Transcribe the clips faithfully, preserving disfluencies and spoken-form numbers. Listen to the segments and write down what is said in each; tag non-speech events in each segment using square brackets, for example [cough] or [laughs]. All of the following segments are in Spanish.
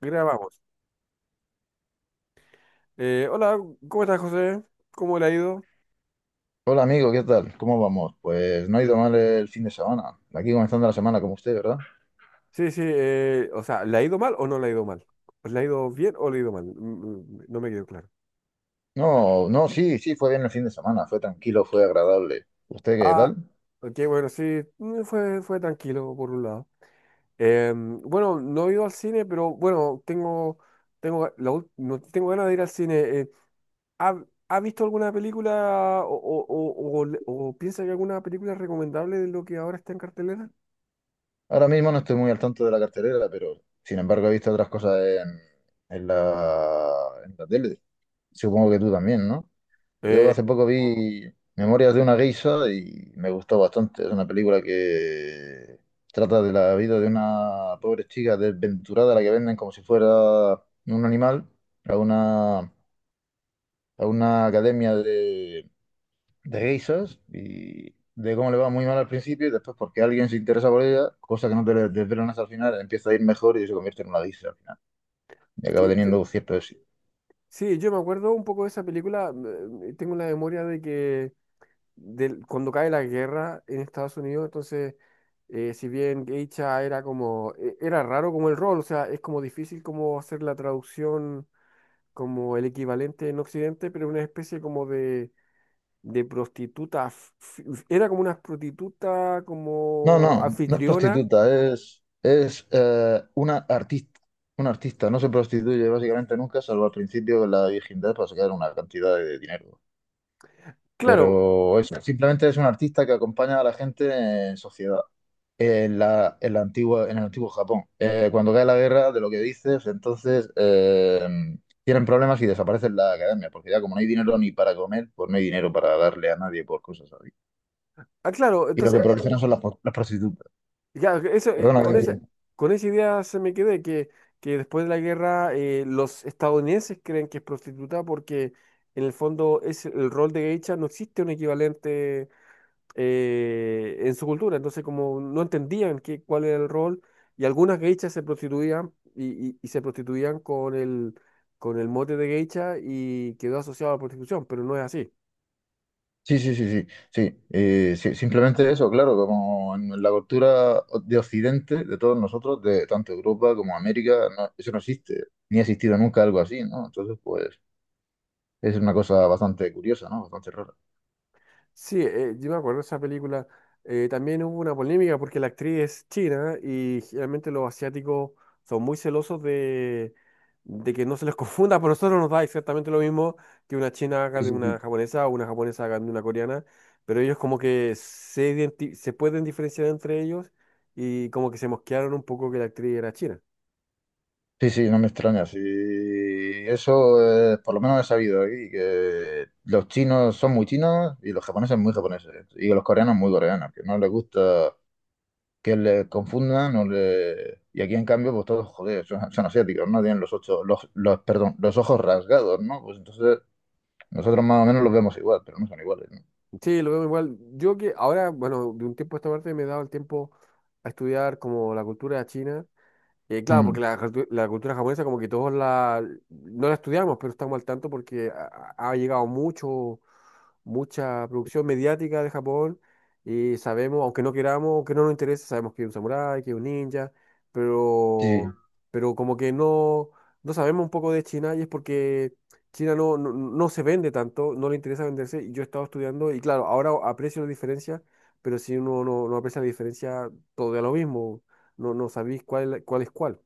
Grabamos. Eh, hola, ¿cómo estás, José? ¿Cómo le ha ido? Hola amigo, ¿qué tal? ¿Cómo vamos? Pues no ha ido mal el fin de semana. Aquí comenzando la semana como usted, ¿verdad? Sí, sí, eh, o sea, ¿le ha ido mal o no le ha ido mal? ¿Le ha ido bien o le ha ido mal? Mm, mm, No me quedó claro. No, no, sí, sí, fue bien el fin de semana. Fue tranquilo, fue agradable. ¿Usted qué Ah, tal? ok, bueno, sí, mm, fue, fue tranquilo por un lado. Em, bueno, no he ido al cine, pero bueno, tengo, tengo, la ul- no, tengo ganas de ir al cine. Eh, ¿ha, ha visto alguna película o, o- o- o le- o piensa que alguna película es recomendable de lo que ahora está en cartelera? Ahora mismo no estoy muy al tanto de la cartelera, pero sin embargo he visto otras cosas en, en la, en la tele. Supongo que tú también, ¿no? Yo Eh, hace poco vi Memorias de una geisha y me gustó bastante. Es una película que trata de la vida de una pobre chica desventurada a la que venden como si fuera un animal a una, a una academia de, de geishas y de cómo le va muy mal al principio y después porque alguien se interesa por ella, cosa que no te desvelan hasta el final, empieza a ir mejor y se convierte en una geisha al final. Y acaba sí, yo, teniendo cierto éxito. Sí, yo me acuerdo un poco de esa película. mm, eh, Tengo la memoria de que del- cuando cae la guerra en Estados Unidos. Entonces, eh, si bien Geisha era como, e- era raro como el rol, o sea, es como difícil como hacer la traducción como el equivalente en Occidente, pero una especie como de, de prostituta, fi- era como una prostituta No, como no, no es anfitriona. prostituta, es, es eh, una artista. Una artista no se prostituye básicamente nunca, salvo al principio de la virginidad para sacar una cantidad de dinero. Claro. Pero es- simplemente es un artista que acompaña a la gente en sociedad. En la, en la antigua, en el antiguo Japón. Eh, cuando cae la guerra, de lo que dices, entonces eh, tienen problemas y desaparecen la academia, porque ya como no hay dinero ni para comer, pues no hay dinero para darle a nadie por cosas así. Ah, claro, Y lo que entonces... proliferan son las, po- las prostitutas. Ya, ok, eso, eh, Perdona que con te esa, interrumpa. con esa idea se me quedé que, que después de la guerra eh, los estadounidenses creen que es prostituta porque en el fondo es el rol de geisha. No existe un equivalente eh, en su cultura, entonces como no entendían qué, cuál era el rol, y algunas geishas se prostituían, y, y- y se prostituían con el, con el mote de geisha, y quedó asociado a la prostitución, pero no es así. Sí, sí, sí, sí, sí, eh, sí, simplemente eso, claro, como en la cultura de Occidente, de todos nosotros, de tanto Europa como América, no- eso no existe, ni ha existido nunca algo así, ¿no? Entonces, pues, es una cosa bastante curiosa, ¿no? Bastante rara. Sí, eh, yo me acuerdo de esa película. Eh, también hubo una polémica porque la actriz es china y generalmente los asiáticos son muy celosos de, de que no se les [laughs] confunda. Por nosotros nos da exactamente lo mismo que una china haga Sí, de sí, una sí. japonesa o una japonesa haga de una coreana, pero ellos como que se, identi- se pueden diferenciar entre ellos, y como que se mosquearon un poco que la actriz era china. Sí, sí, no me extraña, sí, eso, eh, por lo menos he sabido aquí, que los chinos son muy chinos y los japoneses muy japoneses, y los coreanos muy coreanos, que no les gusta que le confundan o le... Y aquí en cambio, pues todos, joder, son, son asiáticos, ¿no? Tienen los ocho, los, los, perdón, los ojos rasgados, ¿no? Pues entonces nosotros más o menos los vemos igual, pero no son iguales, ¿no? Sí, lo veo igual. Yo que ahora, bueno, de un tiempo a esta parte me he dado el tiempo a estudiar como la cultura china. Eh, claro, porque Mm. la, cultu- la cultura japonesa como que todos la, no la estudiamos, pero estamos al tanto porque ha, ha llegado mucho, mucha producción mediática de Japón, y sabemos, aunque no queramos, aunque no nos interese, sabemos que es un samurái, que es un ninja, Sí, pero, pero como que no, no sabemos un poco de China. Y es porque China no, no, no se vende tanto, no le interesa venderse. Y yo he estado estudiando y claro, ahora aprecio la diferencia, pero si uno no, no aprecia la diferencia, todo da lo mismo, no, no sabéis cuál, cuál es cuál.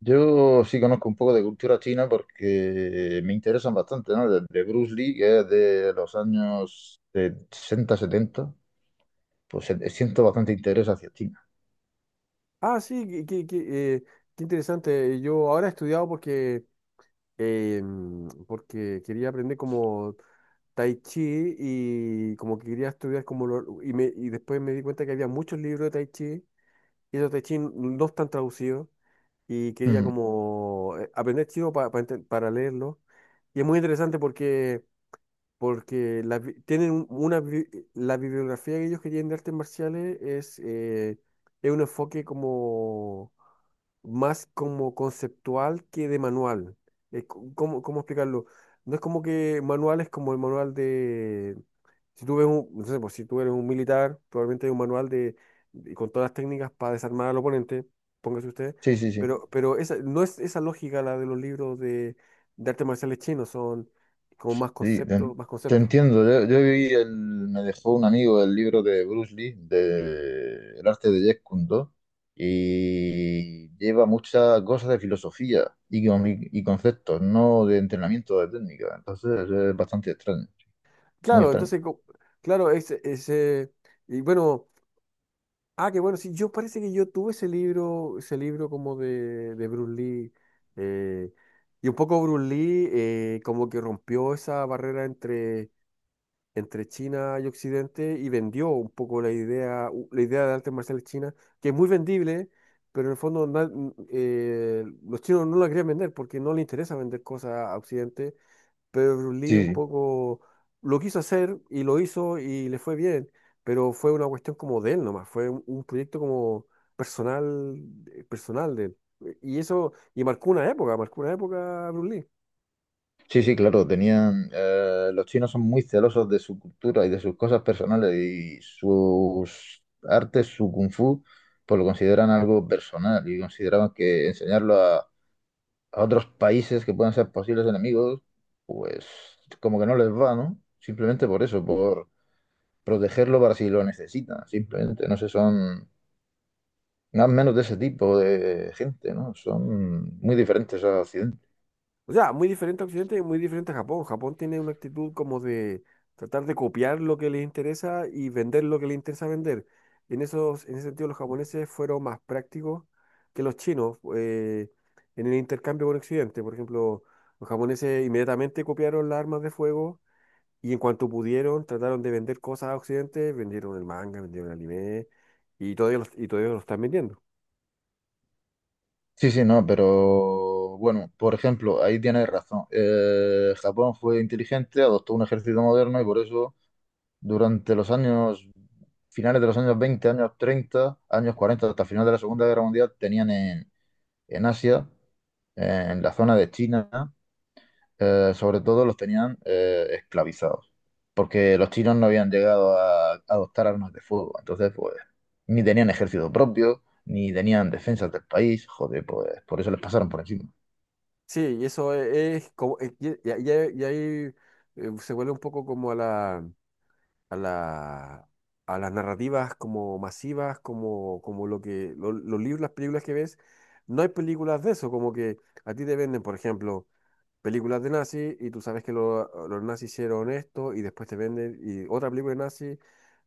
yo sí conozco un poco de cultura china porque me interesan bastante, ¿no? De, de Bruce Lee, que es de los años de sesenta, setenta, pues eh, siento bastante interés hacia China. Ah, sí, qué, qué- qué, eh, qué interesante. Yo ahora he estudiado porque, eh, mm, porque quería aprender como Tai Chi y como que quería estudiar como lo- y, me, y después me di cuenta que había muchos libros de Tai Chi, y esos Tai Chi n- no están traducidos, y quería Ujú. como eh, aprender chino pa- pa ente- para leerlo. Y es muy interesante porque, porque la bi- tienen un- una bi- la bibliografía que ellos querían de artes marciales es, eh, es un enfoque como más como conceptual que de manual. Eh, co- ¿cómo, cómo explicarlo? No es como que manual, es como el manual de... Si tú ves un, no sé, pues, si tú eres un militar, probablemente hay un manual de, de- con todas las técnicas para desarmar al oponente, póngase usted, Sí, sí, sí. pero, pero esa, no es esa lógica, la de los libros de, de artes marciales chinos, son como más Sí, te, conceptos, en- más te conceptos. entiendo. Yo, yo vi el, me dejó un amigo el libro de Bruce Lee, de El arte de Jeet Kune Do, y lleva muchas cosas de filosofía y, con- y conceptos, no de entrenamiento de técnica. Entonces es bastante extraño, muy Claro, extraño. entonces, co- claro, ese, ese, y bueno, ah, que bueno, sí, yo parece que yo tuve ese libro, ese libro como de, de Bruce Lee. eh, y un poco Bruce Lee eh, como que rompió esa barrera entre, entre China y Occidente, y vendió un poco la idea, u- la idea de artes marciales chinas, que es muy vendible, pero en el fondo na- n- eh, los chinos no la querían vender porque no les interesa vender cosas a Occidente, pero Bruce Lee Sí, un sí, poco lo quiso hacer y lo hizo y le fue bien, pero fue una cuestión como de él nomás, fue un, un proyecto como personal, eh, personal de él. Y eso, y marcó una época, marcó una época Bruce Lee. sí, sí, claro, tenían, eh, los chinos son muy celosos de su cultura y de sus cosas personales y sus artes, su kung fu, pues lo consideran algo personal y consideraban que enseñarlo a otros países que puedan ser posibles enemigos, pues como que no les va, ¿no? Simplemente por eso, por protegerlo para si lo necesitan, simplemente, no sé, son más o menos de ese tipo de gente, ¿no? Son muy diferentes a Occidente. O sea, muy diferente a Occidente y muy diferente a Japón. Japón tiene una actitud como de tratar de copiar lo que les interesa y vender lo que les interesa vender. En esos, en ese sentido, los japoneses fueron más prácticos que los chinos, eh, en el intercambio con Occidente. Por ejemplo, los japoneses inmediatamente copiaron las armas de fuego, y en cuanto pudieron trataron de vender cosas a Occidente, vendieron el manga, vendieron el anime, y todavía los- y todavía lo están vendiendo. Sí, sí, no, pero bueno, por ejemplo, ahí tienes razón. Eh, Japón fue inteligente, adoptó un ejército moderno y por eso durante los años, finales de los años veinte, años treinta, años cuarenta, hasta el final de la Segunda Guerra Mundial, tenían en, en Asia, eh, en la zona de China, eh, sobre todo los tenían eh, esclavizados, porque los chinos no habían llegado a adoptar armas de fuego, entonces pues ni tenían ejército propio, ni tenían defensas del país, joder, pues por eso les pasaron por encima. Sí, y eso e, es, como, eh, y, y- y ahí y ahí, eh, se vuelve un poco como a la, a la, a las narrativas como masivas, como, como lo que, lo- los libros, las películas que ves, no hay películas de eso, como que a ti te venden, por ejemplo, películas de nazis, y tú sabes que lo- los nazis hicieron esto, y después te venden y otra película de nazis,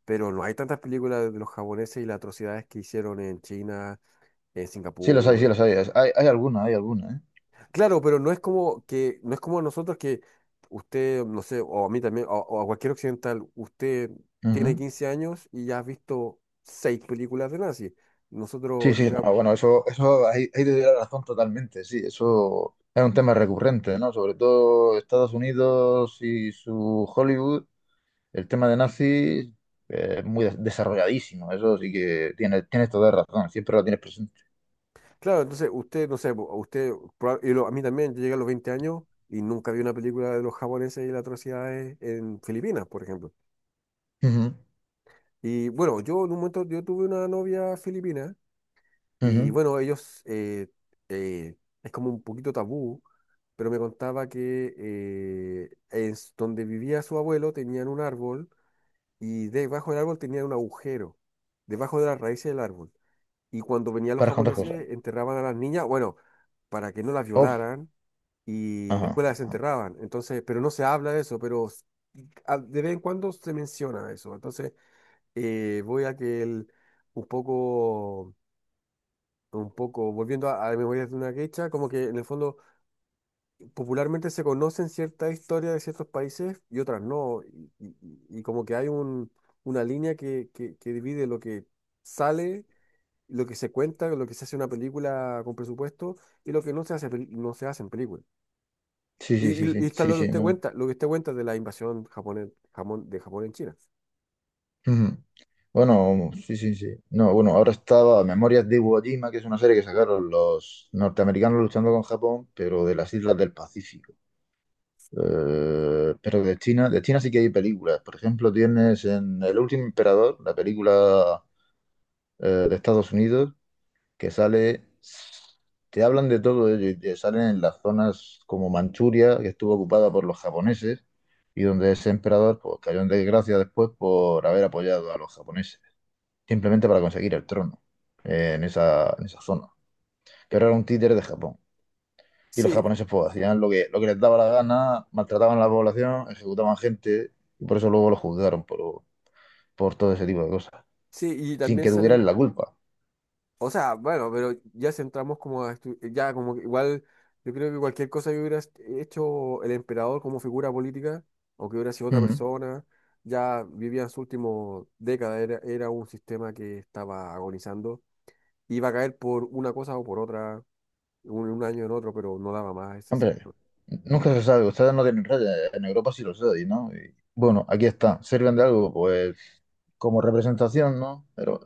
pero no hay tantas películas de los japoneses y las atrocidades que hicieron en China, en Sí los hay, sí Singapur. los hay, es- hay, hay alguna, hay alguna, Claro, pero no es como que, no es como nosotros, que usted, no sé, o a mí también, o, o a cualquier occidental, usted ¿eh? tiene Ujú. quince años y ya has visto seis películas de nazi. Sí, Nosotros sí, llegamos, no, bueno, eso, eso, ahí, ahí te doy la razón totalmente, sí, eso es un tema recurrente, ¿no? Sobre todo Estados Unidos y su Hollywood. El tema de nazis eh, es muy de- desarrolladísimo, eso sí que tienes, tienes toda la razón, siempre lo tienes presente. claro, entonces usted, no sé, po, usted, proba- y lo- a mí también, yo llegué a los veinte años y nunca vi una película de los japoneses y las atrocidades en Filipinas, por ejemplo. Ujú, Y bueno, yo en un momento, yo tuve una novia filipina, y ujú, bueno, ellos, eh, eh, es como un poquito tabú, pero me contaba que eh, en s- donde vivía su abuelo tenían un árbol, y debajo del árbol tenían un agujero, debajo de las raíces del árbol. Y cuando venían los para contar cosas. japoneses enterraban a las niñas, bueno, para que no las Uf, violaran, y ajá, después las ajá. enterraban. Entonces, pero no se habla de eso, pero s- a- de vez en cuando se menciona eso. Entonces, eh, voy a que el, un poco, un poco, volviendo a, a Memorias de una Geisha, como que en el fondo popularmente se conocen ciertas historias de ciertos países y otras no. Y, y- y como que hay un, una línea que, que, que divide lo que sale, lo que se cuenta, lo que se hace en una película con presupuesto, y lo que no se hace, pel- no se hace en película. Sí, Y, sí, sí, y, y sí, está sí, lo que sí, usted no. cuenta, lo que usted cuenta de la invasión japonés, jamón, de Japón en China. Ujú. Bueno, sí, sí, sí. No, bueno, ahora estaba Memorias de Iwo Jima, que es una serie que sacaron los norteamericanos luchando con Japón, pero de las islas del Pacífico. Eh, pero de China, de China sí que hay películas. Por ejemplo, tienes en El Último Emperador, la película eh, de Estados Unidos, que sale, te hablan de todo ello y te salen en las zonas como Manchuria, que estuvo ocupada por los japoneses y donde ese emperador pues, cayó en desgracia después por haber apoyado a los japoneses, simplemente para conseguir el trono eh, en esa, en esa zona. Eh, Pero era un títere de Japón. Y los Sí, japoneses pues, hacían lo que, lo que les daba la gana, maltrataban a la población, ejecutaban gente y por eso luego los juzgaron por, por todo ese tipo de cosas, sí, y sin también que sale un... tuvieran la culpa. O sea, bueno, pero ya centramos como a estu- ya como que igual yo creo que cualquier cosa que hubiera hecho el emperador como figura política, o que hubiera sido otra Ujú. persona, ya vivía en su último década, era, era un sistema que estaba agonizando, iba a caer por una cosa o por otra, un, un año en otro, pero no daba más ese Hombre, sistema. nunca se sabe. Ustedes no tienen redes. En Europa sí lo sé, y ¿no? Y, bueno, aquí está. Sirven de algo, pues, como representación, ¿no? Pero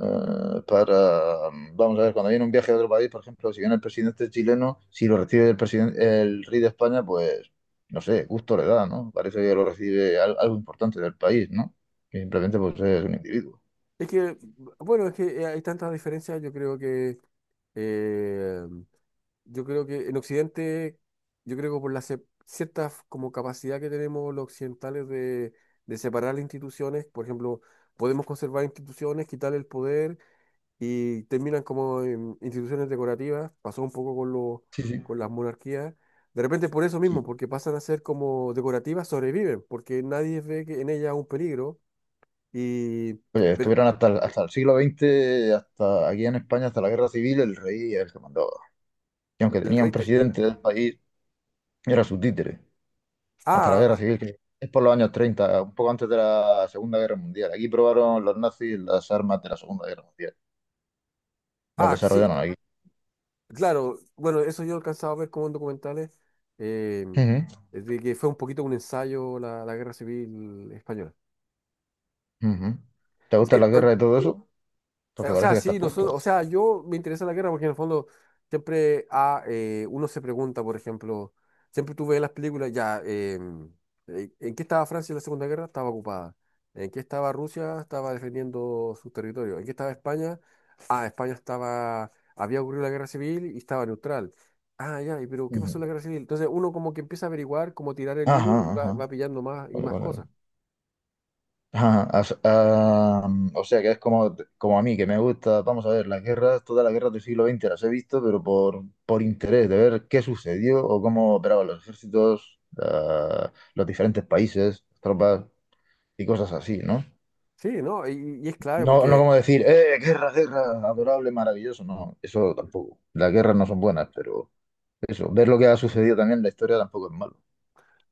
eh, para, vamos a ver, cuando viene un viaje a otro país, por ejemplo, si viene el presidente chileno, si lo recibe el presidente, el rey de España, pues, no sé, gusto le da, ¿no? Parece que lo recibe al- algo importante del país, ¿no? Que simplemente, pues, es un individuo. Es que, bueno, es que eh, hay tantas diferencias, yo creo que eh, yo creo que en Occidente, yo creo que por la ce- cierta como capacidad que tenemos los occidentales de, de separar las instituciones, por ejemplo, podemos conservar instituciones, quitar el poder, y terminan como en instituciones decorativas. Pasó un poco con lo- Sí, sí. con las monarquías. De repente por eso mismo, Sí. porque pasan a ser como decorativas, sobreviven, porque nadie ve que en ellas un peligro. Y, Oye, pero estuvieron hasta el, hasta el siglo veinte, hasta aquí en España, hasta la guerra civil, el rey es el que mandaba. Y aunque el tenía un rey... te- presidente del país, era su títere, hasta la guerra ah, civil, que es por los años treinta un poco antes de la Segunda Guerra Mundial. Aquí probaron los nazis las armas de la Segunda Guerra Mundial. Las ah, ah, sí. desarrollaron aquí. Claro, bueno, eso yo he alcanzado a ver como en documentales, eh, es de que fue un poquito un ensayo la, la Guerra Civil Española. Ujú, ujú. ¿Te Sí, gustan las eh, guerras y todo eso? Eh, Porque o parece sea, que estás sí, puesto. nosotros, o sea, yo me interesa la guerra porque en el fondo siempre ah, eh, uno se pregunta, por ejemplo, siempre tú ves las películas, ya, em, eh, ¿en qué estaba Francia en la Segunda Guerra? Estaba ocupada. ¿En qué estaba Rusia? Estaba defendiendo su territorio. ¿En qué estaba España? Ah, España estaba, había ocurrido la guerra civil y estaba neutral. Ah, ya, y pero ¿qué Ujú. pasó en la guerra civil? Entonces uno como que empieza a averiguar, como tirar el hilo, y Ajá, va, va ajá. pillando más y Vale, más vale, vale. cosas. Ajá, as- ah, mm, o sea que es como, como a mí, que me gusta, vamos a ver, las guerras, todas las guerras del siglo veinte las he visto, pero por, por interés de ver qué sucedió o cómo operaban los ejércitos, ah, los diferentes países, tropas y cosas así, ¿no? Sí, ¿no? Y, y es clave No, no porque como decir, eh, guerra, guerra, adorable, maravilloso, no, eso tampoco. Las guerras no son buenas, pero eso, ver lo que ha sucedido también en la historia tampoco es malo.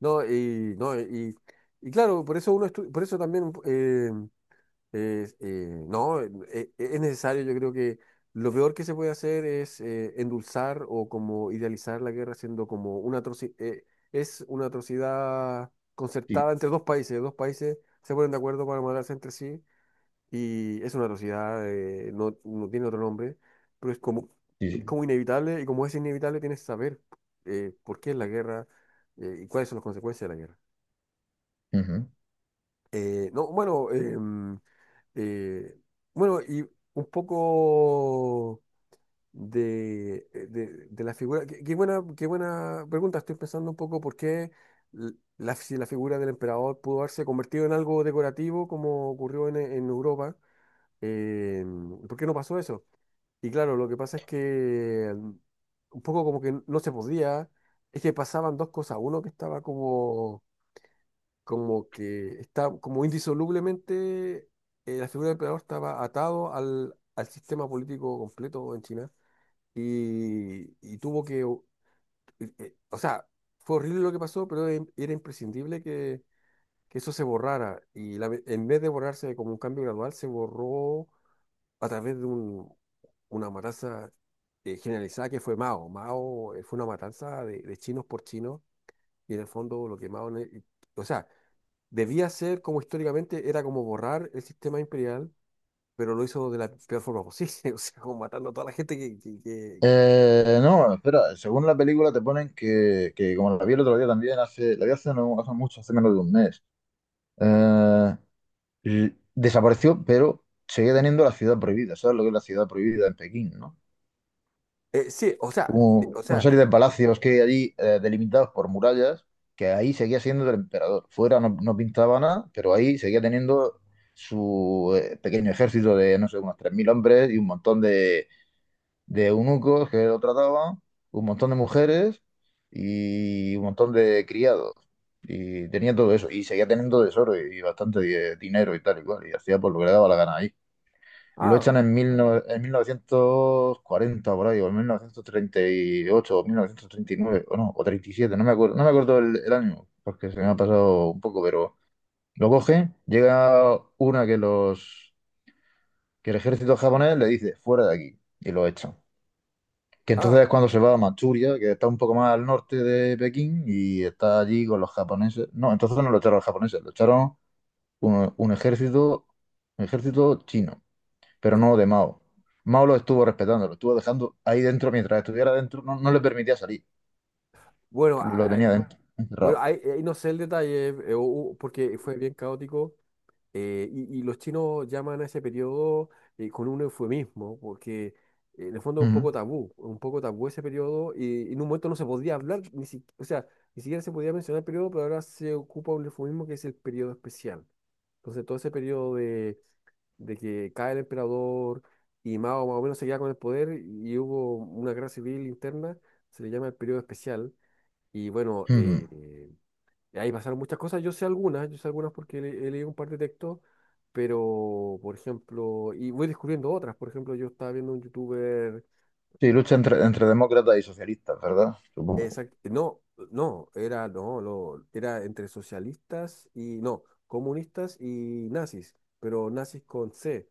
No, y, no, y, y claro, por eso uno estu- por eso también eh, eh, eh, no, eh, eh, es necesario, yo creo que lo peor que se puede hacer es eh, endulzar o como idealizar la guerra siendo como una atroci- eh, es una atrocidad Sí, concertada entre dos países, dos países se ponen de acuerdo para matarse entre sí y es una atrocidad, eh, no, no tiene otro nombre, pero es como, sí, es sí. como inevitable y como es inevitable tienes que saber eh, por qué es la guerra eh, y cuáles son las consecuencias de la guerra. Ujú. Eh, no, bueno, em, eh, bueno, y un poco de, eh, de- de la figura. Qué, qué buena, qué buena pregunta. Estoy pensando un poco por qué l- la, si la figura del emperador pudo haberse convertido en algo decorativo como ocurrió en, en Europa. Em, ¿por qué no pasó eso? Y claro, lo que pasa es que mm, un poco como que no se podía, es que pasaban dos cosas. Uno que estaba como como que está como indisolublemente eh, la figura del emperador estaba atado al, al sistema político completo en China y, y tuvo que, o eh, eh, o sea, fue horrible lo que pasó, pero em- era imprescindible que, que eso se borrara y la ve- en vez de borrarse como un cambio gradual, se borró a través de un, una matanza eh, generalizada que fue Mao. Mao eh, fue una matanza de, de chinos por chinos y en el fondo lo que Mao... ne- o sea, debía ser como históricamente era como borrar el sistema imperial, pero lo hizo de la peor forma posible, [laughs] o sea, como matando a toda la gente que... que- que- que- Eh, no, bueno, espera, según la película te ponen que, que como la vi el otro día también, hace, la vi hace, no, hace mucho, hace menos de un mes, eh, y desapareció, pero seguía teniendo la ciudad prohibida, ¿sabes lo que es la ciudad prohibida en Pekín, ¿no? Eh, sí, o sea, de- Como o una sea, serie de palacios que hay allí, eh, delimitados por murallas, que ahí seguía siendo del emperador. Fuera no, no pintaba nada, pero ahí seguía teniendo su eh, pequeño ejército de, no sé, unos tres mil hombres y un montón de de eunucos que lo trataban, un montón de mujeres y un montón de criados. Y tenía todo eso, y seguía teniendo tesoro y bastante di- dinero y tal y cual, y hacía por lo que le daba la gana ahí. Lo ah, echan en, mil no- en mil novecientos cuarenta por ahí, o en mil novecientos treinta y ocho, o mil novecientos treinta y nueve o no, o treinta y siete, no me acuerdo, no me acuerdo el, el año, porque se me ha pasado un poco, pero lo coge, llega una que los que el ejército japonés le dice, fuera de aquí, y lo echan, que ah, entonces es cuando se va a Manchuria, que está un poco más al norte de Pekín y está allí con los japoneses. No, entonces no lo echaron los japoneses, lo echaron un, un ejército, un ejército chino, pero eh, no de Mao. Mao lo estuvo respetando, lo estuvo dejando ahí dentro mientras estuviera dentro, no, no le permitía salir, bueno, lo ah, tenía dentro, bueno, encerrado. ahí, ahí no sé el detalle, eh, eh, hubo- porque fue bien caótico. Eh, y, y los chinos llaman a ese periodo eh, con un eufemismo, porque eh, en el fondo es un Ujú, poco tabú, un poco tabú ese periodo, y, en un momento no se podía hablar, ni si- o sea, ni siquiera se podía mencionar el periodo, pero ahora se ocupa un eufemismo que es el periodo especial. Entonces, todo ese periodo de, de que cae el emperador y Mao más o menos se queda con el poder y hubo una guerra civil interna, se le llama el periodo especial. Y bueno, ujú. eh, y ahí pasaron muchas cosas, yo sé algunas, yo sé algunas porque le- he leído un par de textos, pero, por ejemplo, y voy descubriendo otras, por ejemplo, yo estaba viendo un youtuber. Sí, lucha entre, entre demócratas y socialistas, ¿verdad? Supongo. Exact- no, no, era, no, lo- era entre socialistas y, no, comunistas y nazis, pero nazis con C,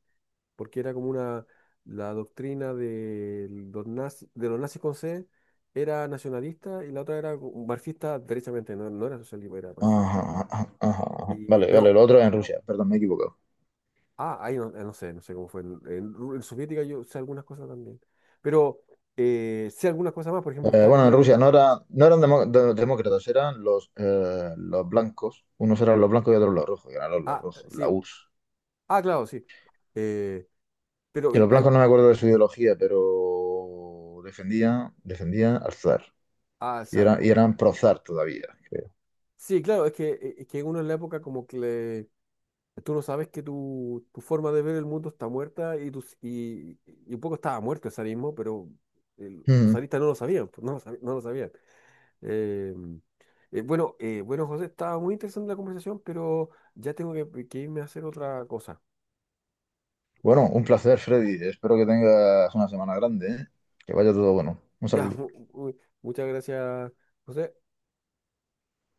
porque era como una, la doctrina de los nazis, de los nazis con C era nacionalista y la otra era marxista derechamente, no, no era socialista, era marxista. Ajá, ajá, ajá, ajá. Y, Vale, vale, pero lo otro es en Rusia, perdón, me he equivocado. Ah, ahí no, eh, no sé, no sé cómo fue. En, en Ru- en soviética yo sé algunas cosas también. Pero eh, sé algunas cosas más, por ejemplo, Eh, estaba Bueno, en viendo. Rusia no, era- no eran demo- de- demócratas, eran los, eh, los blancos. Unos eran los blancos y otros los rojos, y eran los Ah, rojos, la sí. U R S S. Ah, claro, sí. Eh, pero Que los hay. blancos no me acuerdo de su ideología, pero defendían, defendían al zar. Ah, Y, era- y salvo. eran pro zar todavía, creo. Sí, claro, es que, e, es que uno en la época como que le- tú no sabes que tu, tu forma de ver el mundo está muerta y, tus, y, y un poco estaba muerto el zarismo, pero eh, los Mm. zaristas no lo sabían, pues, no lo sabían, no lo sabían. Eh, eh, bueno, eh, bueno, José, estaba muy interesante la conversación, pero ya tengo que, que irme a hacer otra cosa. [laughs] Bueno, un placer, Freddy. Espero que tengas una semana grande, ¿eh? Que vaya todo bueno. Un Ya, saludo. mu- mu- muchas gracias, José.